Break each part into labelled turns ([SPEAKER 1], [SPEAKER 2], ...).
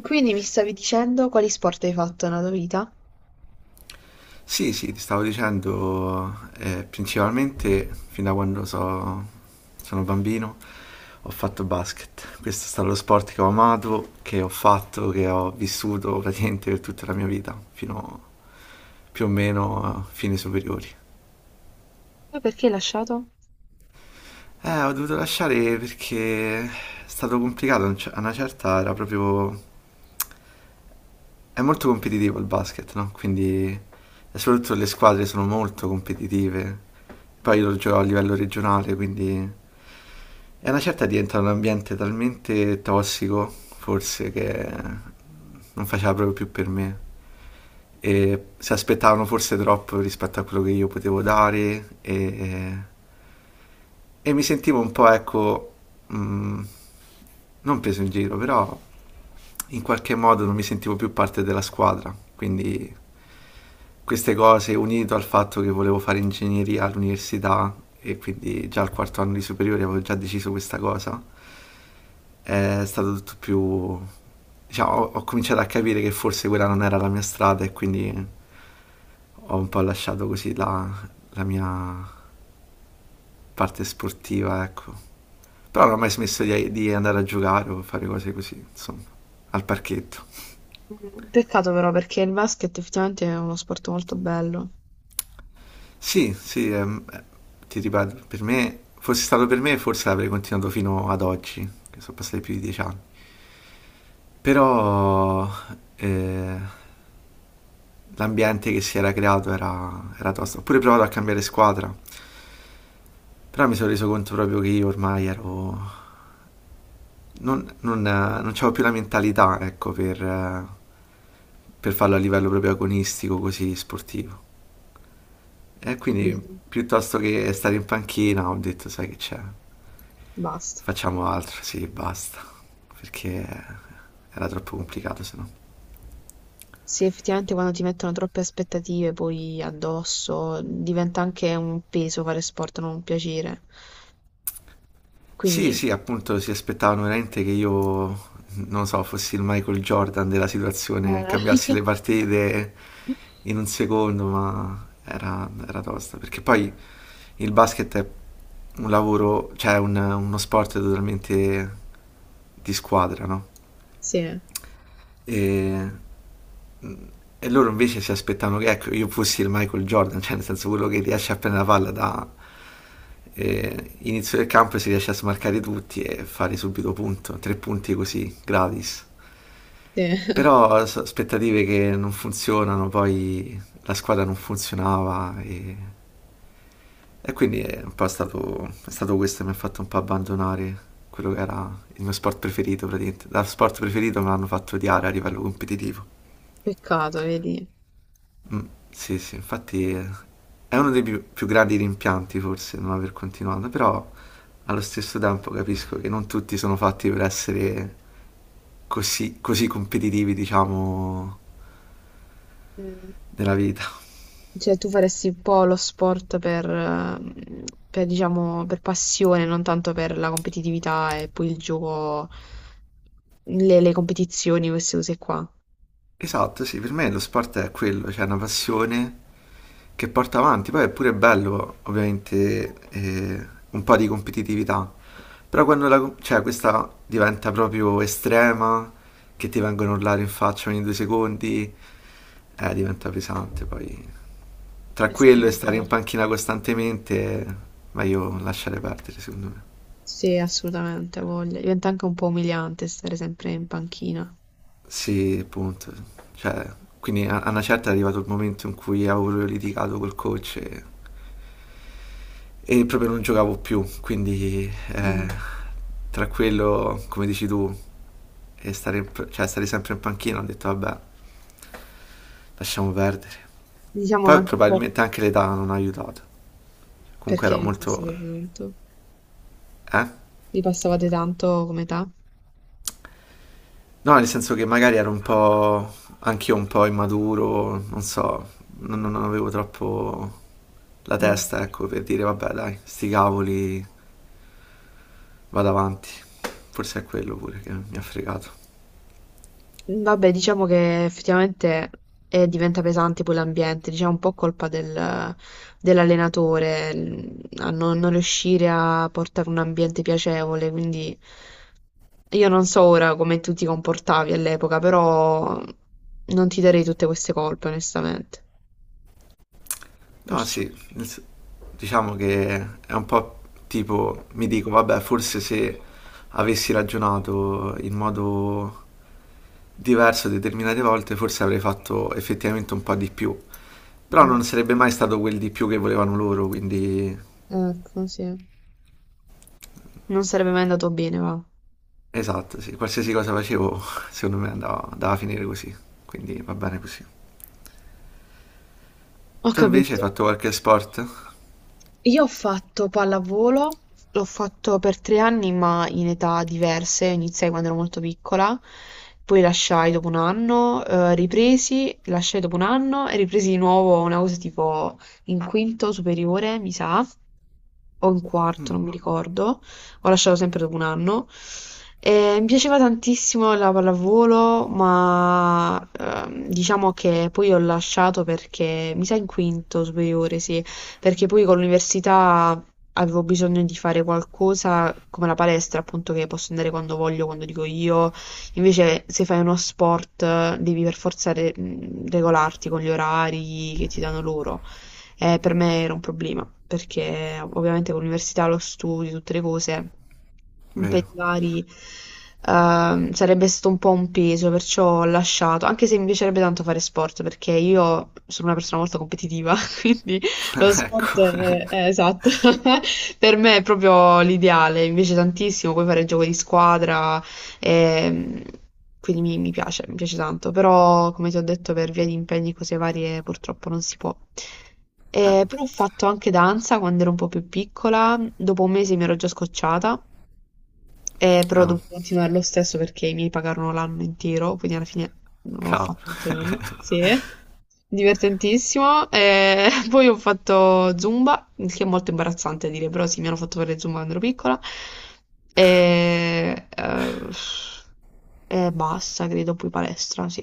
[SPEAKER 1] Quindi mi stavi dicendo quali sport hai fatto nella tua vita?
[SPEAKER 2] Sì, sì, ti stavo dicendo, principalmente fin da quando sono bambino ho fatto basket. Questo è stato lo sport che ho amato, che ho fatto, che ho vissuto praticamente per tutta la mia vita, fino più o meno a fine superiori.
[SPEAKER 1] Poi perché hai lasciato?
[SPEAKER 2] Ho dovuto lasciare perché è stato complicato, a una certa era proprio. È molto competitivo il basket, no? Quindi, e soprattutto le squadre sono molto competitive. Poi io lo gioco a livello regionale, quindi è una certa diventa un ambiente talmente tossico, forse, che non faceva proprio più per me. E si aspettavano forse troppo rispetto a quello che io potevo dare e mi sentivo un po', ecco, mh, non preso in giro, però in qualche modo non mi sentivo più parte della squadra. Quindi queste cose, unito al fatto che volevo fare ingegneria all'università e quindi già al quarto anno di superiore avevo già deciso questa cosa, è stato tutto più, diciamo, ho cominciato a capire che forse quella non era la mia strada e quindi ho un po' lasciato così la mia parte sportiva, ecco. Però non ho mai smesso di andare a giocare o fare cose così, insomma, al parchetto.
[SPEAKER 1] Mm, peccato però perché il basket effettivamente è uno sport molto bello.
[SPEAKER 2] Sì, sì, ti ripeto, per me, fosse stato per me, forse avrei continuato fino ad oggi, che sono passati più di 10 anni. Però eh, l'ambiente che si era creato era tosto. Ho pure provato a cambiare squadra, però mi sono reso conto proprio che io ormai ero. Non c'avevo più la mentalità, ecco, per farlo a livello proprio agonistico, così sportivo. E quindi
[SPEAKER 1] Capito.
[SPEAKER 2] piuttosto che stare in panchina ho detto, sai che c'è,
[SPEAKER 1] Basta.
[SPEAKER 2] facciamo altro, sì, basta, perché era troppo complicato se no.
[SPEAKER 1] Sì, effettivamente quando ti mettono troppe aspettative poi addosso diventa anche un peso fare sport, non un piacere.
[SPEAKER 2] Sì,
[SPEAKER 1] Quindi...
[SPEAKER 2] sì, appunto si aspettavano veramente che io, non so, fossi il Michael Jordan della situazione,
[SPEAKER 1] Eh.
[SPEAKER 2] cambiassi le partite in un secondo, ma era, era tosta. Perché poi il basket è un lavoro, cioè uno sport totalmente di squadra, no?
[SPEAKER 1] Sì,
[SPEAKER 2] E, mm, e loro invece si aspettavano che ecco, io fossi il Michael Jordan, cioè nel senso quello che riesce a prendere la palla da inizio del campo e si riesce a smarcare tutti e fare subito punto, tre punti così, gratis.
[SPEAKER 1] sì.
[SPEAKER 2] Però aspettative che non funzionano, poi la squadra non funzionava e quindi è un po' stato, è stato questo che mi ha fatto un po' abbandonare quello che era il mio sport preferito praticamente. Da sport preferito me l'hanno fatto odiare a livello competitivo.
[SPEAKER 1] Peccato, vedi.
[SPEAKER 2] Mm, sì, sì, infatti è uno dei più, più grandi rimpianti forse non aver continuato, però allo stesso tempo capisco che non tutti sono fatti per essere così, così competitivi, diciamo,
[SPEAKER 1] Mm.
[SPEAKER 2] nella vita.
[SPEAKER 1] Cioè, tu faresti un po' lo sport per, diciamo, per passione, non tanto per la competitività e poi il gioco, le competizioni, queste cose qua.
[SPEAKER 2] Esatto, sì, per me lo sport è quello, cioè una passione che porta avanti, poi è pure bello ovviamente un po' di competitività, però quando la, cioè, questa diventa proprio estrema, che ti vengono a urlare in faccia ogni due secondi, diventa pesante, poi tra
[SPEAKER 1] Eh
[SPEAKER 2] quello e
[SPEAKER 1] sì,
[SPEAKER 2] stare in
[SPEAKER 1] certo.
[SPEAKER 2] panchina costantemente, meglio lasciare perdere secondo me.
[SPEAKER 1] Sì, assolutamente, ha voglia. Diventa anche un po' umiliante stare sempre in panchina.
[SPEAKER 2] Sì, appunto. Cioè, quindi a una certa è arrivato il momento in cui avevo proprio litigato col coach e proprio non giocavo più. Quindi
[SPEAKER 1] Mm.
[SPEAKER 2] tra quello, come dici tu, e stare, cioè, stare sempre in panchina, ho detto vabbè, lasciamo perdere.
[SPEAKER 1] Diciamo
[SPEAKER 2] Poi
[SPEAKER 1] anche un po'
[SPEAKER 2] probabilmente anche l'età non ha aiutato. Comunque
[SPEAKER 1] perché
[SPEAKER 2] ero
[SPEAKER 1] vi
[SPEAKER 2] molto...
[SPEAKER 1] passavate tanto.
[SPEAKER 2] Eh?
[SPEAKER 1] Vi passavate tanto come età?
[SPEAKER 2] No, nel senso che magari ero un po', anch'io un po' immaturo, non so, non avevo troppo la
[SPEAKER 1] Mm.
[SPEAKER 2] testa, ecco, per dire vabbè dai, sti cavoli, vado avanti. Forse è quello pure che mi ha fregato.
[SPEAKER 1] Vabbè, diciamo che effettivamente diventa pesante poi l'ambiente, diciamo un po' colpa del- dell'allenatore l- a non riuscire a portare un ambiente piacevole, quindi io non so ora come tu ti comportavi all'epoca, però non ti darei tutte queste colpe, onestamente.
[SPEAKER 2] No,
[SPEAKER 1] Perciò,
[SPEAKER 2] sì, diciamo che è un po' tipo, mi dico vabbè, forse se avessi ragionato in modo diverso determinate volte, forse avrei fatto effettivamente un po' di più. Però
[SPEAKER 1] mm,
[SPEAKER 2] non sarebbe mai stato quel di più che volevano loro, quindi
[SPEAKER 1] ecco, sì. Non sarebbe mai andato bene, va.
[SPEAKER 2] esatto, sì, qualsiasi cosa facevo, secondo me andava, andava a finire così, quindi va bene così.
[SPEAKER 1] Ho
[SPEAKER 2] Tu invece hai
[SPEAKER 1] capito.
[SPEAKER 2] fatto qualche sport?
[SPEAKER 1] Io ho fatto pallavolo, l'ho fatto per tre anni ma in età diverse, iniziai quando ero molto piccola, poi lasciai dopo un anno, ripresi, lasciai dopo un anno e ripresi di nuovo una cosa tipo in quinto superiore, mi sa o in quarto, non mi ricordo, ho lasciato sempre dopo un anno. E mi piaceva tantissimo la pallavolo, ma diciamo che poi ho lasciato perché, mi sa in quinto superiore, sì, perché poi con l'università avevo bisogno di fare qualcosa come la palestra, appunto, che posso andare quando voglio, quando dico io. Invece, se fai uno sport, devi per forza re- regolarti con gli orari che ti danno loro. Per me era un problema, perché ovviamente con l'università, lo studio, tutte le cose, impegni
[SPEAKER 2] Vero.
[SPEAKER 1] vari, sarebbe stato un po' un peso, perciò ho lasciato, anche se mi piacerebbe tanto fare sport, perché io sono una persona molto competitiva, quindi lo sport
[SPEAKER 2] Ecco.
[SPEAKER 1] è esatto, per me è proprio l'ideale, invece tantissimo, puoi fare gioco di squadra, e, quindi mi piace tanto, però come ti ho detto per via di impegni e cose varie purtroppo non si può.
[SPEAKER 2] Ah,
[SPEAKER 1] Però ho fatto anche danza quando ero un po' più piccola, dopo un mese mi ero già scocciata e però ho
[SPEAKER 2] ah,
[SPEAKER 1] dovuto continuare lo stesso perché i miei pagarono l'anno intero, quindi alla fine ho fatto
[SPEAKER 2] cavolo.
[SPEAKER 1] tutto l'anno. Sì, divertentissimo. E poi ho fatto Zumba, il che è molto imbarazzante a dire, però sì, mi hanno fatto fare Zumba quando ero piccola. E, eh, e basta, credo, poi palestra, sì.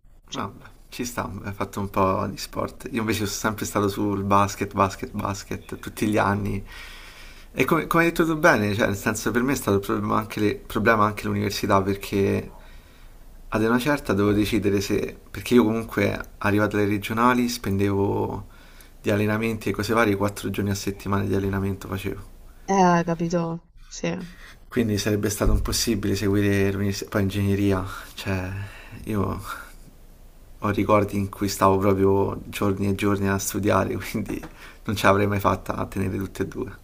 [SPEAKER 1] Sì.
[SPEAKER 2] Vabbè, ci sta, hai fatto un po' di sport. Io invece sono sempre stato sul basket, basket, basket, tutti gli anni. E come, come hai detto tu bene, cioè, nel senso, per me è stato un problema anche problema anche l'università, perché ad una certa devo decidere se, perché io comunque arrivato alle regionali spendevo di allenamenti e cose varie, 4 giorni a settimana di allenamento facevo.
[SPEAKER 1] Capito? Sì.
[SPEAKER 2] Quindi sarebbe stato impossibile seguire l'università, poi ingegneria, cioè io ho ricordi in cui stavo proprio giorni e giorni a studiare, quindi non ce l'avrei mai fatta a tenere tutte e due.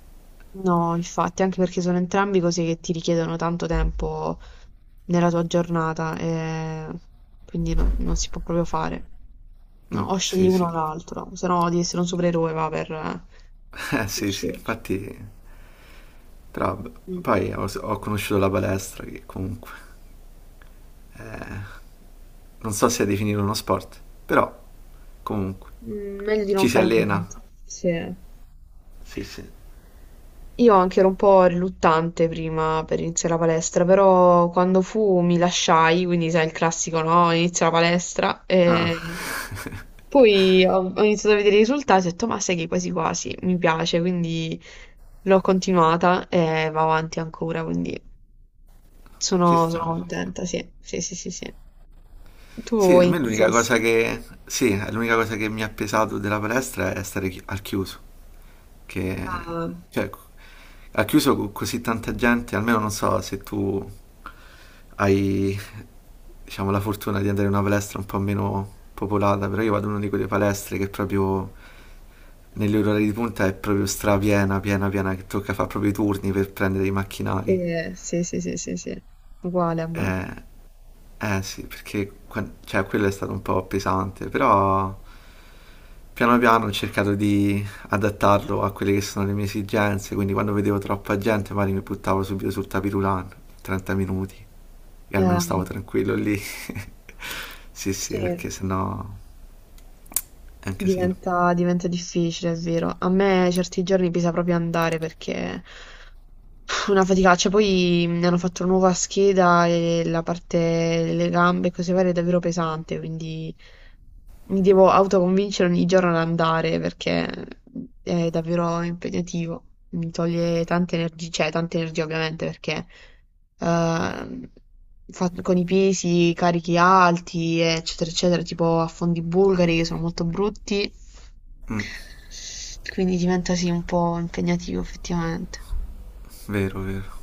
[SPEAKER 1] No, infatti, anche perché sono entrambi cose che ti richiedono tanto tempo nella tua giornata, e quindi non si può proprio fare. No,
[SPEAKER 2] Mm,
[SPEAKER 1] o scegli
[SPEAKER 2] sì,
[SPEAKER 1] uno o
[SPEAKER 2] sì,
[SPEAKER 1] l'altro, se no di essere un supereroe va per...
[SPEAKER 2] Sì,
[SPEAKER 1] Sì.
[SPEAKER 2] sì, infatti, però vabbè.
[SPEAKER 1] Mm.
[SPEAKER 2] Poi ho conosciuto la palestra che comunque... eh, non so se definire uno sport, però comunque
[SPEAKER 1] Mm, meglio di non
[SPEAKER 2] ci si
[SPEAKER 1] fare
[SPEAKER 2] allena.
[SPEAKER 1] niente. Sì.
[SPEAKER 2] Sì, sì.
[SPEAKER 1] Io anche ero un po' riluttante prima per iniziare la palestra, però quando fu mi lasciai, quindi sai il classico, no? Inizia la palestra
[SPEAKER 2] Ah.
[SPEAKER 1] e... Poi ho iniziato a vedere i risultati e ho detto, ma sai che quasi quasi mi piace, quindi l'ho continuata e va avanti ancora, quindi
[SPEAKER 2] Ci
[SPEAKER 1] sono, sono
[SPEAKER 2] sta, ci sta.
[SPEAKER 1] contenta, sì, sì, sì, sì, sì. Tu
[SPEAKER 2] Sì, a me l'unica
[SPEAKER 1] iniziasti
[SPEAKER 2] cosa che, sì, è l'unica cosa che mi ha pesato della palestra è stare al chiuso, che,
[SPEAKER 1] a...
[SPEAKER 2] cioè, al chiuso con così tanta gente, almeno non so se tu hai, diciamo, la fortuna di andare in una palestra un po' meno popolata, però io vado in una di quelle palestre che proprio negli orari di punta è proprio strapiena, piena, piena, che tocca fare proprio i turni per prendere i
[SPEAKER 1] Sì,
[SPEAKER 2] macchinari.
[SPEAKER 1] sì, sì, sì, sì, sì, uguale a me.
[SPEAKER 2] Eh, eh sì, perché cioè, quello è stato un po' pesante, però piano piano ho cercato di adattarlo a quelle che sono le mie esigenze, quindi quando vedevo troppa gente magari mi buttavo subito sul tapirulan, 30 minuti, e
[SPEAKER 1] Eh,
[SPEAKER 2] almeno stavo tranquillo lì. Sì, sì,
[SPEAKER 1] sì,
[SPEAKER 2] perché sennò è un casino.
[SPEAKER 1] diventa, diventa difficile, è vero. A me certi giorni bisogna proprio andare perché... Fu una faticaccia, poi mi hanno fatto una nuova scheda e la parte, le gambe e cose varie è davvero pesante, quindi mi devo autoconvincere ogni giorno ad andare perché è davvero impegnativo, mi toglie tante energie, cioè tante energie ovviamente perché ehm, fa- con i pesi, carichi alti, eccetera, eccetera, tipo a fondi bulgari che sono molto brutti, quindi diventa sì un po' impegnativo effettivamente.
[SPEAKER 2] Vero, vero.